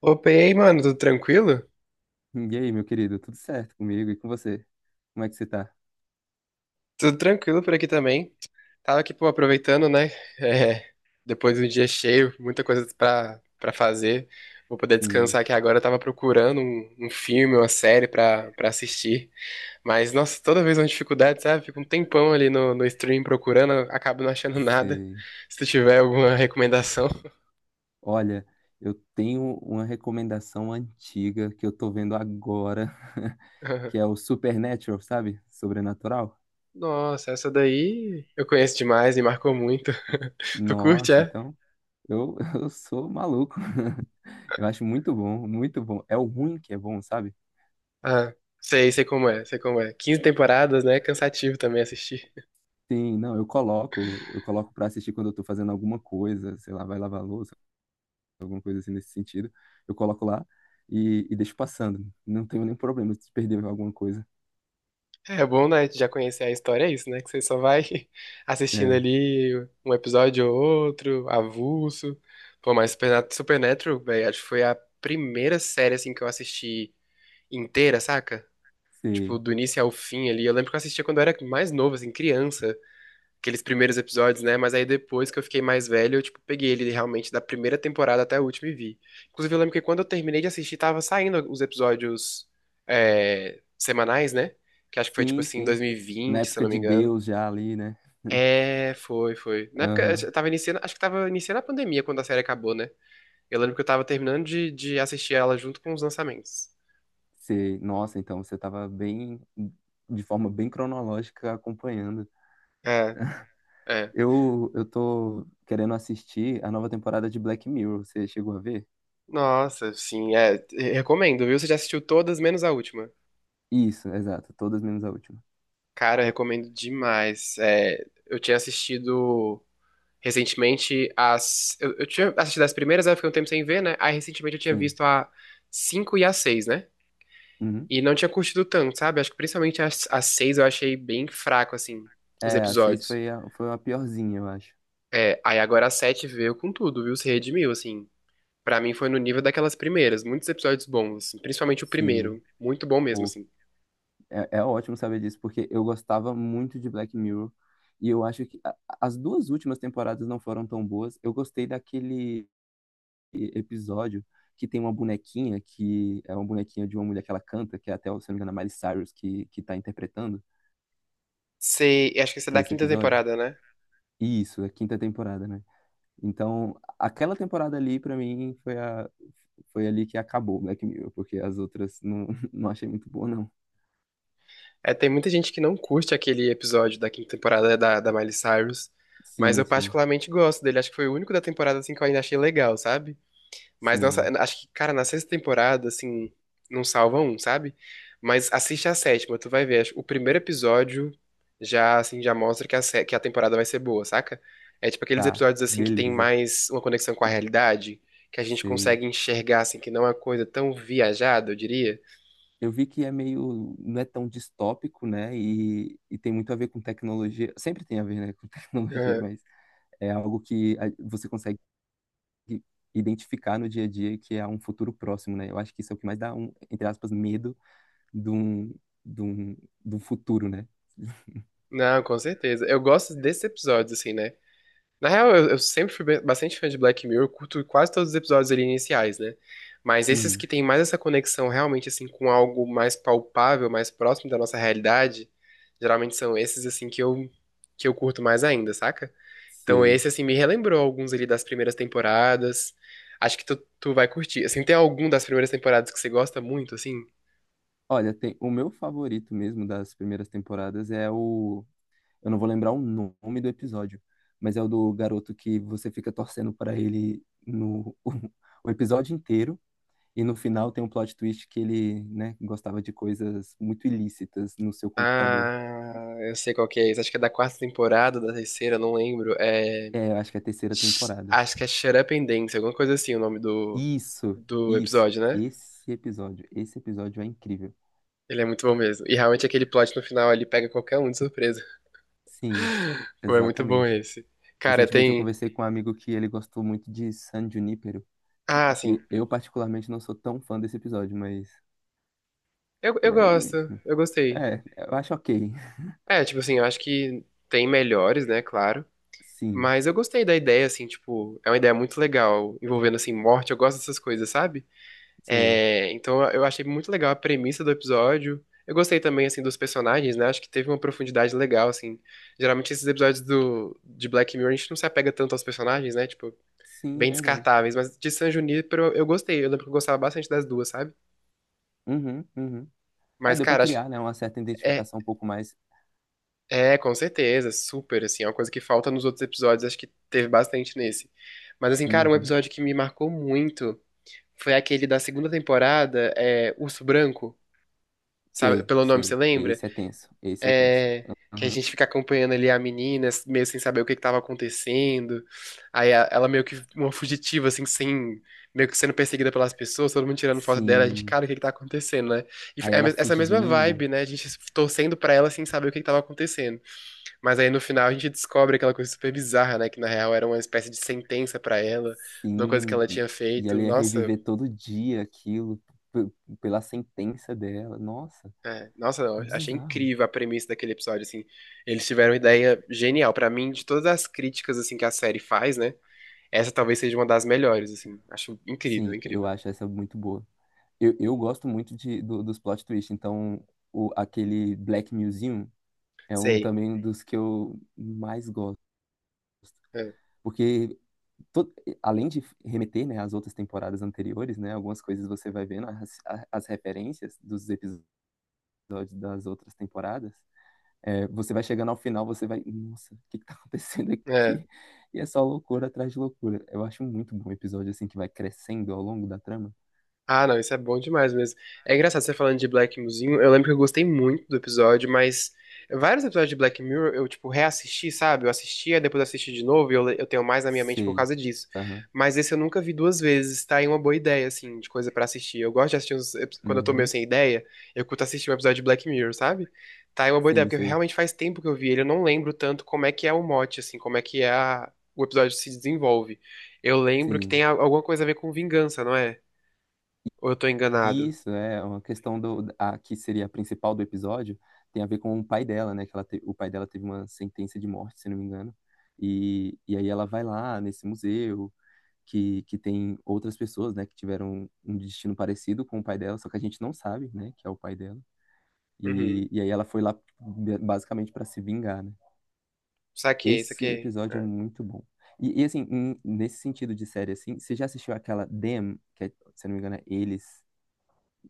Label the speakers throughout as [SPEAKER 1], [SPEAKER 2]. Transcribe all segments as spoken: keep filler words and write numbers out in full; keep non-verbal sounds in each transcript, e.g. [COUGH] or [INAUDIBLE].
[SPEAKER 1] Opa, e aí, mano, tudo tranquilo?
[SPEAKER 2] E aí, meu querido, tudo certo comigo e com você? Como é que você tá?
[SPEAKER 1] Tudo tranquilo por aqui também. Tava aqui, pô, aproveitando, né? [LAUGHS] É, depois de um dia cheio, muita coisa pra, pra fazer. Vou poder
[SPEAKER 2] Sim,
[SPEAKER 1] descansar aqui agora. Eu tava procurando um, um filme, uma série pra, pra assistir. Mas, nossa, toda vez é uma dificuldade, sabe? Fico um tempão ali no, no stream procurando, acabo não achando [LAUGHS] nada.
[SPEAKER 2] sei.
[SPEAKER 1] Se tu tiver alguma recomendação.
[SPEAKER 2] Olha, eu tenho uma recomendação antiga que eu tô vendo agora, [LAUGHS] que é o
[SPEAKER 1] [LAUGHS]
[SPEAKER 2] Supernatural, sabe? Sobrenatural.
[SPEAKER 1] Nossa, essa daí eu conheço demais, me marcou muito. [LAUGHS] Tu curte,
[SPEAKER 2] Nossa,
[SPEAKER 1] é?
[SPEAKER 2] então eu, [LAUGHS] eu sou maluco. [LAUGHS] Eu acho muito bom, muito bom. É o ruim que é bom, sabe?
[SPEAKER 1] Ah, sei, sei como é, sei como é. Quinze temporadas, né? Cansativo também assistir.
[SPEAKER 2] Sim, não, eu coloco, eu coloco pra assistir quando eu tô fazendo alguma coisa, sei lá, vai lavar a louça, alguma coisa assim nesse sentido, eu coloco lá e, e deixo passando. Não tenho nenhum problema se perder alguma coisa.
[SPEAKER 1] É bom, né? Já conhecer a história, é isso, né? Que você só vai [LAUGHS] assistindo
[SPEAKER 2] É,
[SPEAKER 1] ali um episódio ou outro, avulso. Pô, mas Supernat- Supernatural, velho, acho que foi a primeira série, assim, que eu assisti inteira, saca? Tipo,
[SPEAKER 2] sei.
[SPEAKER 1] do início ao fim ali. Eu lembro que eu assistia quando eu era mais novo, assim, criança. Aqueles primeiros episódios, né? Mas aí depois que eu fiquei mais velho, eu, tipo, peguei ele realmente da primeira temporada até a última e vi. Inclusive, eu lembro que quando eu terminei de assistir, tava saindo os episódios é, semanais, né? Que acho que foi, tipo
[SPEAKER 2] Sim,
[SPEAKER 1] assim, em
[SPEAKER 2] sim. Na
[SPEAKER 1] dois mil e vinte, se eu
[SPEAKER 2] época
[SPEAKER 1] não me
[SPEAKER 2] de
[SPEAKER 1] engano.
[SPEAKER 2] Deus já ali, né?
[SPEAKER 1] É, foi, foi. Na época,
[SPEAKER 2] Aham.
[SPEAKER 1] eu tava iniciando, acho que tava iniciando a pandemia quando a série acabou, né? Eu lembro que eu tava terminando de, de assistir ela junto com os lançamentos.
[SPEAKER 2] Sei. Nossa, então você tava bem, de forma bem cronológica acompanhando.
[SPEAKER 1] É, é.
[SPEAKER 2] Eu, eu tô querendo assistir a nova temporada de Black Mirror. Você chegou a ver?
[SPEAKER 1] Nossa, sim, é. Recomendo, viu? Você já assistiu todas, menos a última.
[SPEAKER 2] Isso, exato. Todas menos a última.
[SPEAKER 1] Cara, eu recomendo demais. É, eu tinha assistido recentemente as. Eu, eu tinha assistido as primeiras, aí eu fiquei um tempo sem ver, né? Aí recentemente eu tinha
[SPEAKER 2] Sim.
[SPEAKER 1] visto a cinco e a seis, né?
[SPEAKER 2] Uhum.
[SPEAKER 1] E não tinha curtido tanto, sabe? Acho que principalmente as- a seis eu achei bem fraco, assim, os
[SPEAKER 2] É, a seis
[SPEAKER 1] episódios.
[SPEAKER 2] foi a, foi a piorzinha, eu acho.
[SPEAKER 1] É, aí agora a sete veio com tudo, viu? Se redimiu, assim. Pra mim foi no nível daquelas primeiras. Muitos episódios bons, assim. Principalmente o
[SPEAKER 2] Sim.
[SPEAKER 1] primeiro. Muito bom mesmo,
[SPEAKER 2] Pô,
[SPEAKER 1] assim.
[SPEAKER 2] É, é ótimo saber disso, porque eu gostava muito de Black Mirror. E eu acho que a- as duas últimas temporadas não foram tão boas. Eu gostei daquele episódio que tem uma bonequinha, que é uma bonequinha de uma mulher que ela canta, que é até, se não me engano, a Miley Cyrus que, que tá interpretando
[SPEAKER 1] Você. Acho que esse é da
[SPEAKER 2] nesse
[SPEAKER 1] quinta
[SPEAKER 2] episódio.
[SPEAKER 1] temporada, né?
[SPEAKER 2] Isso, a quinta temporada, né? Então, aquela temporada ali, pra mim, foi, a, foi ali que acabou Black Mirror, porque as outras não, [LAUGHS] não achei muito boa, não.
[SPEAKER 1] É, tem muita gente que não curte aquele episódio da quinta temporada da, da Miley Cyrus, mas eu
[SPEAKER 2] Sim, sim,
[SPEAKER 1] particularmente gosto dele. Acho que foi o único da temporada assim que eu ainda achei legal, sabe? Mas nossa,
[SPEAKER 2] sim.
[SPEAKER 1] acho que, cara, na sexta temporada, assim, não salva um, sabe? Mas assiste a sétima, tu vai ver. Acho- O primeiro episódio já, assim, já mostra que a, sé- que a temporada vai ser boa, saca? É tipo aqueles
[SPEAKER 2] Tá,
[SPEAKER 1] episódios, assim, que tem
[SPEAKER 2] beleza.
[SPEAKER 1] mais uma conexão com a realidade, que a gente
[SPEAKER 2] Sei.
[SPEAKER 1] consegue enxergar, assim, que não é uma coisa tão viajada, eu diria.
[SPEAKER 2] Eu vi que é meio, não é tão distópico, né? E, e tem muito a ver com tecnologia. Sempre tem a ver, né, com [LAUGHS] tecnologia, mas é algo que a- você consegue identificar no dia a dia que é um futuro próximo, né? Eu acho que isso é o que mais dá um, entre aspas, medo de um, de um, de um futuro, né?
[SPEAKER 1] Não, com certeza. Eu gosto desses episódios, assim, né? Na real, eu, eu sempre fui bem- bastante fã de Black Mirror, eu curto quase todos os episódios ali iniciais, né? Mas esses
[SPEAKER 2] Hum,
[SPEAKER 1] que têm mais essa conexão realmente, assim, com algo mais palpável, mais próximo da nossa realidade, geralmente são esses, assim, que eu, que eu curto mais ainda, saca? Então
[SPEAKER 2] sei.
[SPEAKER 1] esse, assim, me relembrou alguns ali das primeiras temporadas. Acho que tu, tu vai curtir. Assim, tem algum das primeiras temporadas que você gosta muito, assim?
[SPEAKER 2] Olha, tem, o meu favorito mesmo das primeiras temporadas é o, eu não vou lembrar o nome do episódio, mas é o do garoto que você fica torcendo para ele no [LAUGHS] o episódio inteiro. E no final tem um plot twist que ele, né, gostava de coisas muito ilícitas no seu computador.
[SPEAKER 1] Ah, eu sei qual que é esse. Acho que é da quarta temporada, da terceira, não lembro. É.
[SPEAKER 2] É, eu acho que é a terceira
[SPEAKER 1] Sh-
[SPEAKER 2] temporada.
[SPEAKER 1] Acho que é Shut Up and Dance, alguma coisa assim, o nome do,
[SPEAKER 2] Isso,
[SPEAKER 1] do
[SPEAKER 2] isso,
[SPEAKER 1] episódio, né?
[SPEAKER 2] esse episódio, esse episódio é incrível.
[SPEAKER 1] Ele é muito bom mesmo. E realmente aquele plot no final ali pega qualquer um de surpresa.
[SPEAKER 2] Sim,
[SPEAKER 1] Pô, é muito bom
[SPEAKER 2] exatamente.
[SPEAKER 1] esse. Cara,
[SPEAKER 2] Recentemente eu
[SPEAKER 1] tem.
[SPEAKER 2] conversei com um amigo que ele gostou muito de San Junipero,
[SPEAKER 1] Ah, sim.
[SPEAKER 2] que eu particularmente não sou tão fã desse episódio, mas,
[SPEAKER 1] Eu, eu
[SPEAKER 2] mas
[SPEAKER 1] gosto, eu gostei.
[SPEAKER 2] é, é, eu acho ok. [LAUGHS]
[SPEAKER 1] É, tipo assim, eu acho que tem melhores, né, claro.
[SPEAKER 2] Sim,
[SPEAKER 1] Mas eu gostei da ideia, assim, tipo, é uma ideia muito legal, envolvendo, assim, morte. Eu gosto dessas coisas, sabe?
[SPEAKER 2] sei.
[SPEAKER 1] É, então eu achei muito legal a premissa do episódio. Eu gostei também, assim, dos personagens, né? Acho que teve uma profundidade legal, assim. Geralmente esses episódios do, de Black Mirror a gente não se apega tanto aos personagens, né? Tipo,
[SPEAKER 2] Sim, é
[SPEAKER 1] bem
[SPEAKER 2] verdade.
[SPEAKER 1] descartáveis. Mas de San Junipero eu eu gostei. Eu lembro que eu gostava bastante das duas, sabe?
[SPEAKER 2] Uhum, uhum. É,
[SPEAKER 1] Mas,
[SPEAKER 2] deu pra
[SPEAKER 1] cara, acho que
[SPEAKER 2] criar, né, uma certa
[SPEAKER 1] é,
[SPEAKER 2] identificação um pouco mais.
[SPEAKER 1] é, com certeza, super, assim. É uma coisa que falta nos outros episódios. Acho que teve bastante nesse. Mas, assim, cara, um
[SPEAKER 2] Uhum.
[SPEAKER 1] episódio que me marcou muito foi aquele da segunda temporada, é, Urso Branco. Sabe,
[SPEAKER 2] Sei,
[SPEAKER 1] pelo nome, você
[SPEAKER 2] sei.
[SPEAKER 1] lembra?
[SPEAKER 2] Esse é tenso. Esse é tenso.
[SPEAKER 1] É, que a
[SPEAKER 2] Aham.
[SPEAKER 1] gente fica acompanhando ali a menina, meio sem saber o que que tava acontecendo. Aí a- ela meio que uma fugitiva, assim, sem, meio que sendo perseguida pelas pessoas, todo mundo tirando foto dela, a gente,
[SPEAKER 2] Sim.
[SPEAKER 1] cara, o que que tá acontecendo, né? E
[SPEAKER 2] Aí
[SPEAKER 1] é a
[SPEAKER 2] ela
[SPEAKER 1] mes- essa mesma
[SPEAKER 2] fugindo.
[SPEAKER 1] vibe, né? A gente torcendo pra ela sem saber o que que tava acontecendo. Mas aí no final a gente descobre aquela coisa super bizarra, né? Que na real era uma espécie de sentença pra ela, de uma coisa que
[SPEAKER 2] Sim.
[SPEAKER 1] ela
[SPEAKER 2] E,
[SPEAKER 1] tinha
[SPEAKER 2] e
[SPEAKER 1] feito.
[SPEAKER 2] ela ia
[SPEAKER 1] Nossa,
[SPEAKER 2] reviver todo dia aquilo p- pela sentença dela. Nossa,
[SPEAKER 1] é, nossa, eu achei
[SPEAKER 2] bizarro.
[SPEAKER 1] incrível a premissa daquele episódio, assim. Eles tiveram uma ideia genial. Pra mim, de todas as críticas, assim, que a série faz, né? Essa talvez seja uma das melhores, assim. Acho incrível,
[SPEAKER 2] Sim, eu
[SPEAKER 1] incrível.
[SPEAKER 2] acho essa muito boa. Eu, eu gosto muito de, do- dos plot twists. Então, o, aquele Black Museum é um
[SPEAKER 1] Sei.
[SPEAKER 2] também dos que eu mais gosto.
[SPEAKER 1] É,
[SPEAKER 2] Porque to- além de remeter, né, às outras temporadas anteriores, né, algumas coisas você vai vendo as, a- as referências dos episódios das outras temporadas. É, você vai chegando ao final, você vai, nossa, o que que tá acontecendo
[SPEAKER 1] é.
[SPEAKER 2] aqui? E é só loucura atrás de loucura. Eu acho muito bom o episódio assim que vai crescendo ao longo da trama.
[SPEAKER 1] Ah, não, isso é bom demais mesmo. É engraçado você falando de Black Mirrorzinho. Eu lembro que eu gostei muito do episódio, mas vários episódios de Black Mirror eu, tipo, reassisti, sabe? Eu assistia, depois assisti de novo e eu, le- eu tenho mais na minha mente por
[SPEAKER 2] Sei.
[SPEAKER 1] causa disso.
[SPEAKER 2] Aham.
[SPEAKER 1] Mas esse eu nunca vi duas vezes, tá? É uma boa ideia, assim, de coisa pra assistir. Eu gosto de assistir uns, epi- quando eu tô meio
[SPEAKER 2] Uhum.
[SPEAKER 1] sem ideia, eu curto assistir um episódio de Black Mirror, sabe? Tá, é uma boa ideia,
[SPEAKER 2] Sim,
[SPEAKER 1] porque
[SPEAKER 2] sei.
[SPEAKER 1] realmente faz tempo que eu vi ele. Eu não lembro tanto como é que é o mote, assim, como é que é a- o episódio se desenvolve. Eu lembro que
[SPEAKER 2] Sim.
[SPEAKER 1] tem a- alguma coisa a ver com vingança, não é? Ou eu tô enganado?
[SPEAKER 2] Isso, é uma questão do a, que seria a principal do episódio, tem a ver com o pai dela, né? Que ela te- o pai dela teve uma sentença de morte, se não me engano. E, e aí ela vai lá nesse museu que, que tem outras pessoas, né? Que tiveram um destino parecido com o pai dela, só que a gente não sabe, né? Que é o pai dela.
[SPEAKER 1] Uhum.
[SPEAKER 2] E, e aí ela foi lá ba- basicamente para se vingar, né?
[SPEAKER 1] Saquei,
[SPEAKER 2] Esse
[SPEAKER 1] saquei.
[SPEAKER 2] episódio é
[SPEAKER 1] É.
[SPEAKER 2] muito bom. E, e assim, em- nesse sentido de série, assim, você já assistiu aquela Them, que é, se não me engano é Eles,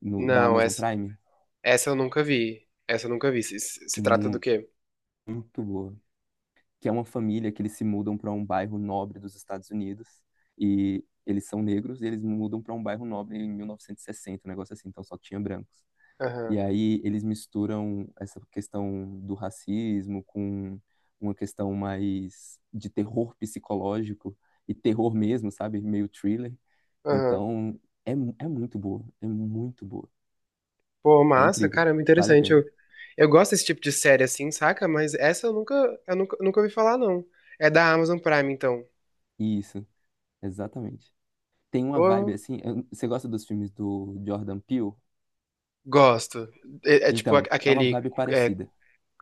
[SPEAKER 2] no, da
[SPEAKER 1] Não,
[SPEAKER 2] Amazon
[SPEAKER 1] essa,
[SPEAKER 2] Prime?
[SPEAKER 1] essa eu nunca vi. Essa eu nunca vi. Se, se- se trata do quê?
[SPEAKER 2] Muito boa. Que é uma família que eles se mudam para um bairro nobre dos Estados Unidos e eles são negros e eles mudam para um bairro nobre em mil novecentos e sessenta, um negócio assim, então só tinha brancos.
[SPEAKER 1] Aham,
[SPEAKER 2] E aí eles misturam essa questão do racismo com uma questão mais de terror psicológico e terror mesmo, sabe? Meio thriller.
[SPEAKER 1] aham.
[SPEAKER 2] Então é, é muito boa, é muito boa.
[SPEAKER 1] Pô,
[SPEAKER 2] É
[SPEAKER 1] massa,
[SPEAKER 2] incrível,
[SPEAKER 1] caramba,
[SPEAKER 2] vale a
[SPEAKER 1] interessante. Eu,
[SPEAKER 2] pena.
[SPEAKER 1] eu gosto desse tipo de série assim, saca? Mas essa eu nunca, eu nunca, nunca ouvi falar, não. É da Amazon Prime, então.
[SPEAKER 2] Isso, exatamente. Tem uma vibe
[SPEAKER 1] Pô,
[SPEAKER 2] assim. eu- Você gosta dos filmes do Jordan Peele?
[SPEAKER 1] gosto. É, é tipo a-
[SPEAKER 2] Então, é uma
[SPEAKER 1] aquele
[SPEAKER 2] vibe
[SPEAKER 1] é,
[SPEAKER 2] parecida.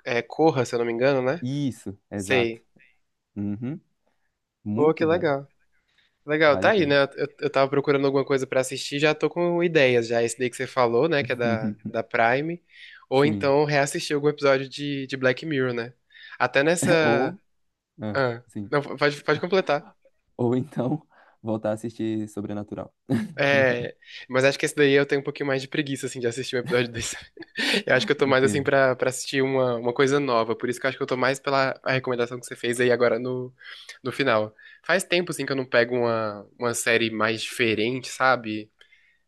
[SPEAKER 1] é Corra, se eu não me engano, né?
[SPEAKER 2] Isso, exato.
[SPEAKER 1] Sei.
[SPEAKER 2] Uhum.
[SPEAKER 1] Pô, que
[SPEAKER 2] Muito bom.
[SPEAKER 1] legal. Legal,
[SPEAKER 2] Vale
[SPEAKER 1] tá
[SPEAKER 2] a
[SPEAKER 1] aí,
[SPEAKER 2] pena.
[SPEAKER 1] né? Eu, eu tava procurando alguma coisa pra assistir, já tô com ideias já. Esse daí que você falou, né? Que é da,
[SPEAKER 2] [LAUGHS]
[SPEAKER 1] da Prime. Ou
[SPEAKER 2] Sim.
[SPEAKER 1] então reassistir algum episódio de, de Black Mirror, né? Até
[SPEAKER 2] [LAUGHS]
[SPEAKER 1] nessa.
[SPEAKER 2] Ou, ah,
[SPEAKER 1] Ah,
[SPEAKER 2] sim.
[SPEAKER 1] não, pode, pode completar.
[SPEAKER 2] Ou então, voltar a assistir Sobrenatural.
[SPEAKER 1] É, mas acho que esse daí eu tenho um pouquinho mais de preguiça, assim, de assistir um episódio desse. [LAUGHS] Eu acho que eu tô mais, assim,
[SPEAKER 2] Entendo.
[SPEAKER 1] pra, pra assistir uma, uma coisa nova. Por isso que eu acho que eu tô mais pela a recomendação que você fez aí agora no, no final. Faz tempo, assim, que eu não pego uma, uma série mais diferente, sabe?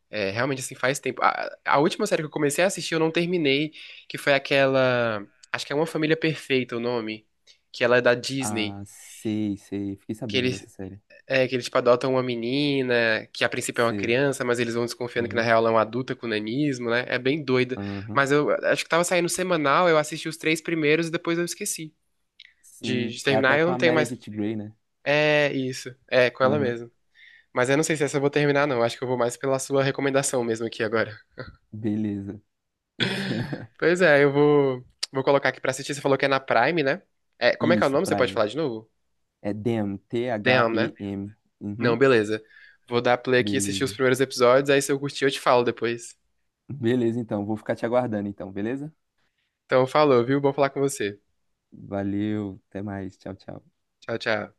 [SPEAKER 1] É, realmente, assim, faz tempo. A, a última série que eu comecei a assistir, eu não terminei, que foi aquela. Acho que é Uma Família Perfeita o nome. Que ela é da Disney.
[SPEAKER 2] Ah, sei, sei. Fiquei
[SPEAKER 1] Que
[SPEAKER 2] sabendo
[SPEAKER 1] eles,
[SPEAKER 2] dessa série.
[SPEAKER 1] é, que eles, tipo, adotam uma menina, que a princípio é uma
[SPEAKER 2] Sei.
[SPEAKER 1] criança, mas eles vão desconfiando que na
[SPEAKER 2] Aham,
[SPEAKER 1] real ela é uma adulta com nanismo, né? É bem doida.
[SPEAKER 2] aham.
[SPEAKER 1] Mas eu acho que tava saindo semanal, eu assisti os três primeiros e depois eu esqueci de,
[SPEAKER 2] Sim.
[SPEAKER 1] de
[SPEAKER 2] É até
[SPEAKER 1] terminar. Eu
[SPEAKER 2] com
[SPEAKER 1] não
[SPEAKER 2] a
[SPEAKER 1] tenho mais.
[SPEAKER 2] Meredith Grey, né?
[SPEAKER 1] É isso. É, com ela
[SPEAKER 2] Aham.
[SPEAKER 1] mesmo. Mas eu não sei se essa eu vou terminar, não. Acho que eu vou mais pela sua recomendação mesmo aqui agora.
[SPEAKER 2] Beleza. [LAUGHS]
[SPEAKER 1] Pois é, eu vou, vou colocar aqui pra assistir. Você falou que é na Prime, né? É, como é que é o
[SPEAKER 2] Isso,
[SPEAKER 1] nome? Você pode
[SPEAKER 2] Prime.
[SPEAKER 1] falar de novo?
[SPEAKER 2] É Them,
[SPEAKER 1] Damn, né?
[SPEAKER 2] T H E M.
[SPEAKER 1] Não,
[SPEAKER 2] Uhum.
[SPEAKER 1] beleza. Vou dar play aqui e assistir os
[SPEAKER 2] Beleza.
[SPEAKER 1] primeiros episódios, aí se eu curtir eu te falo depois.
[SPEAKER 2] Beleza, então. Vou ficar te aguardando, então, beleza?
[SPEAKER 1] Então, falou, viu? Bom falar com você.
[SPEAKER 2] Valeu, até mais. Tchau, tchau.
[SPEAKER 1] Tchau, tchau.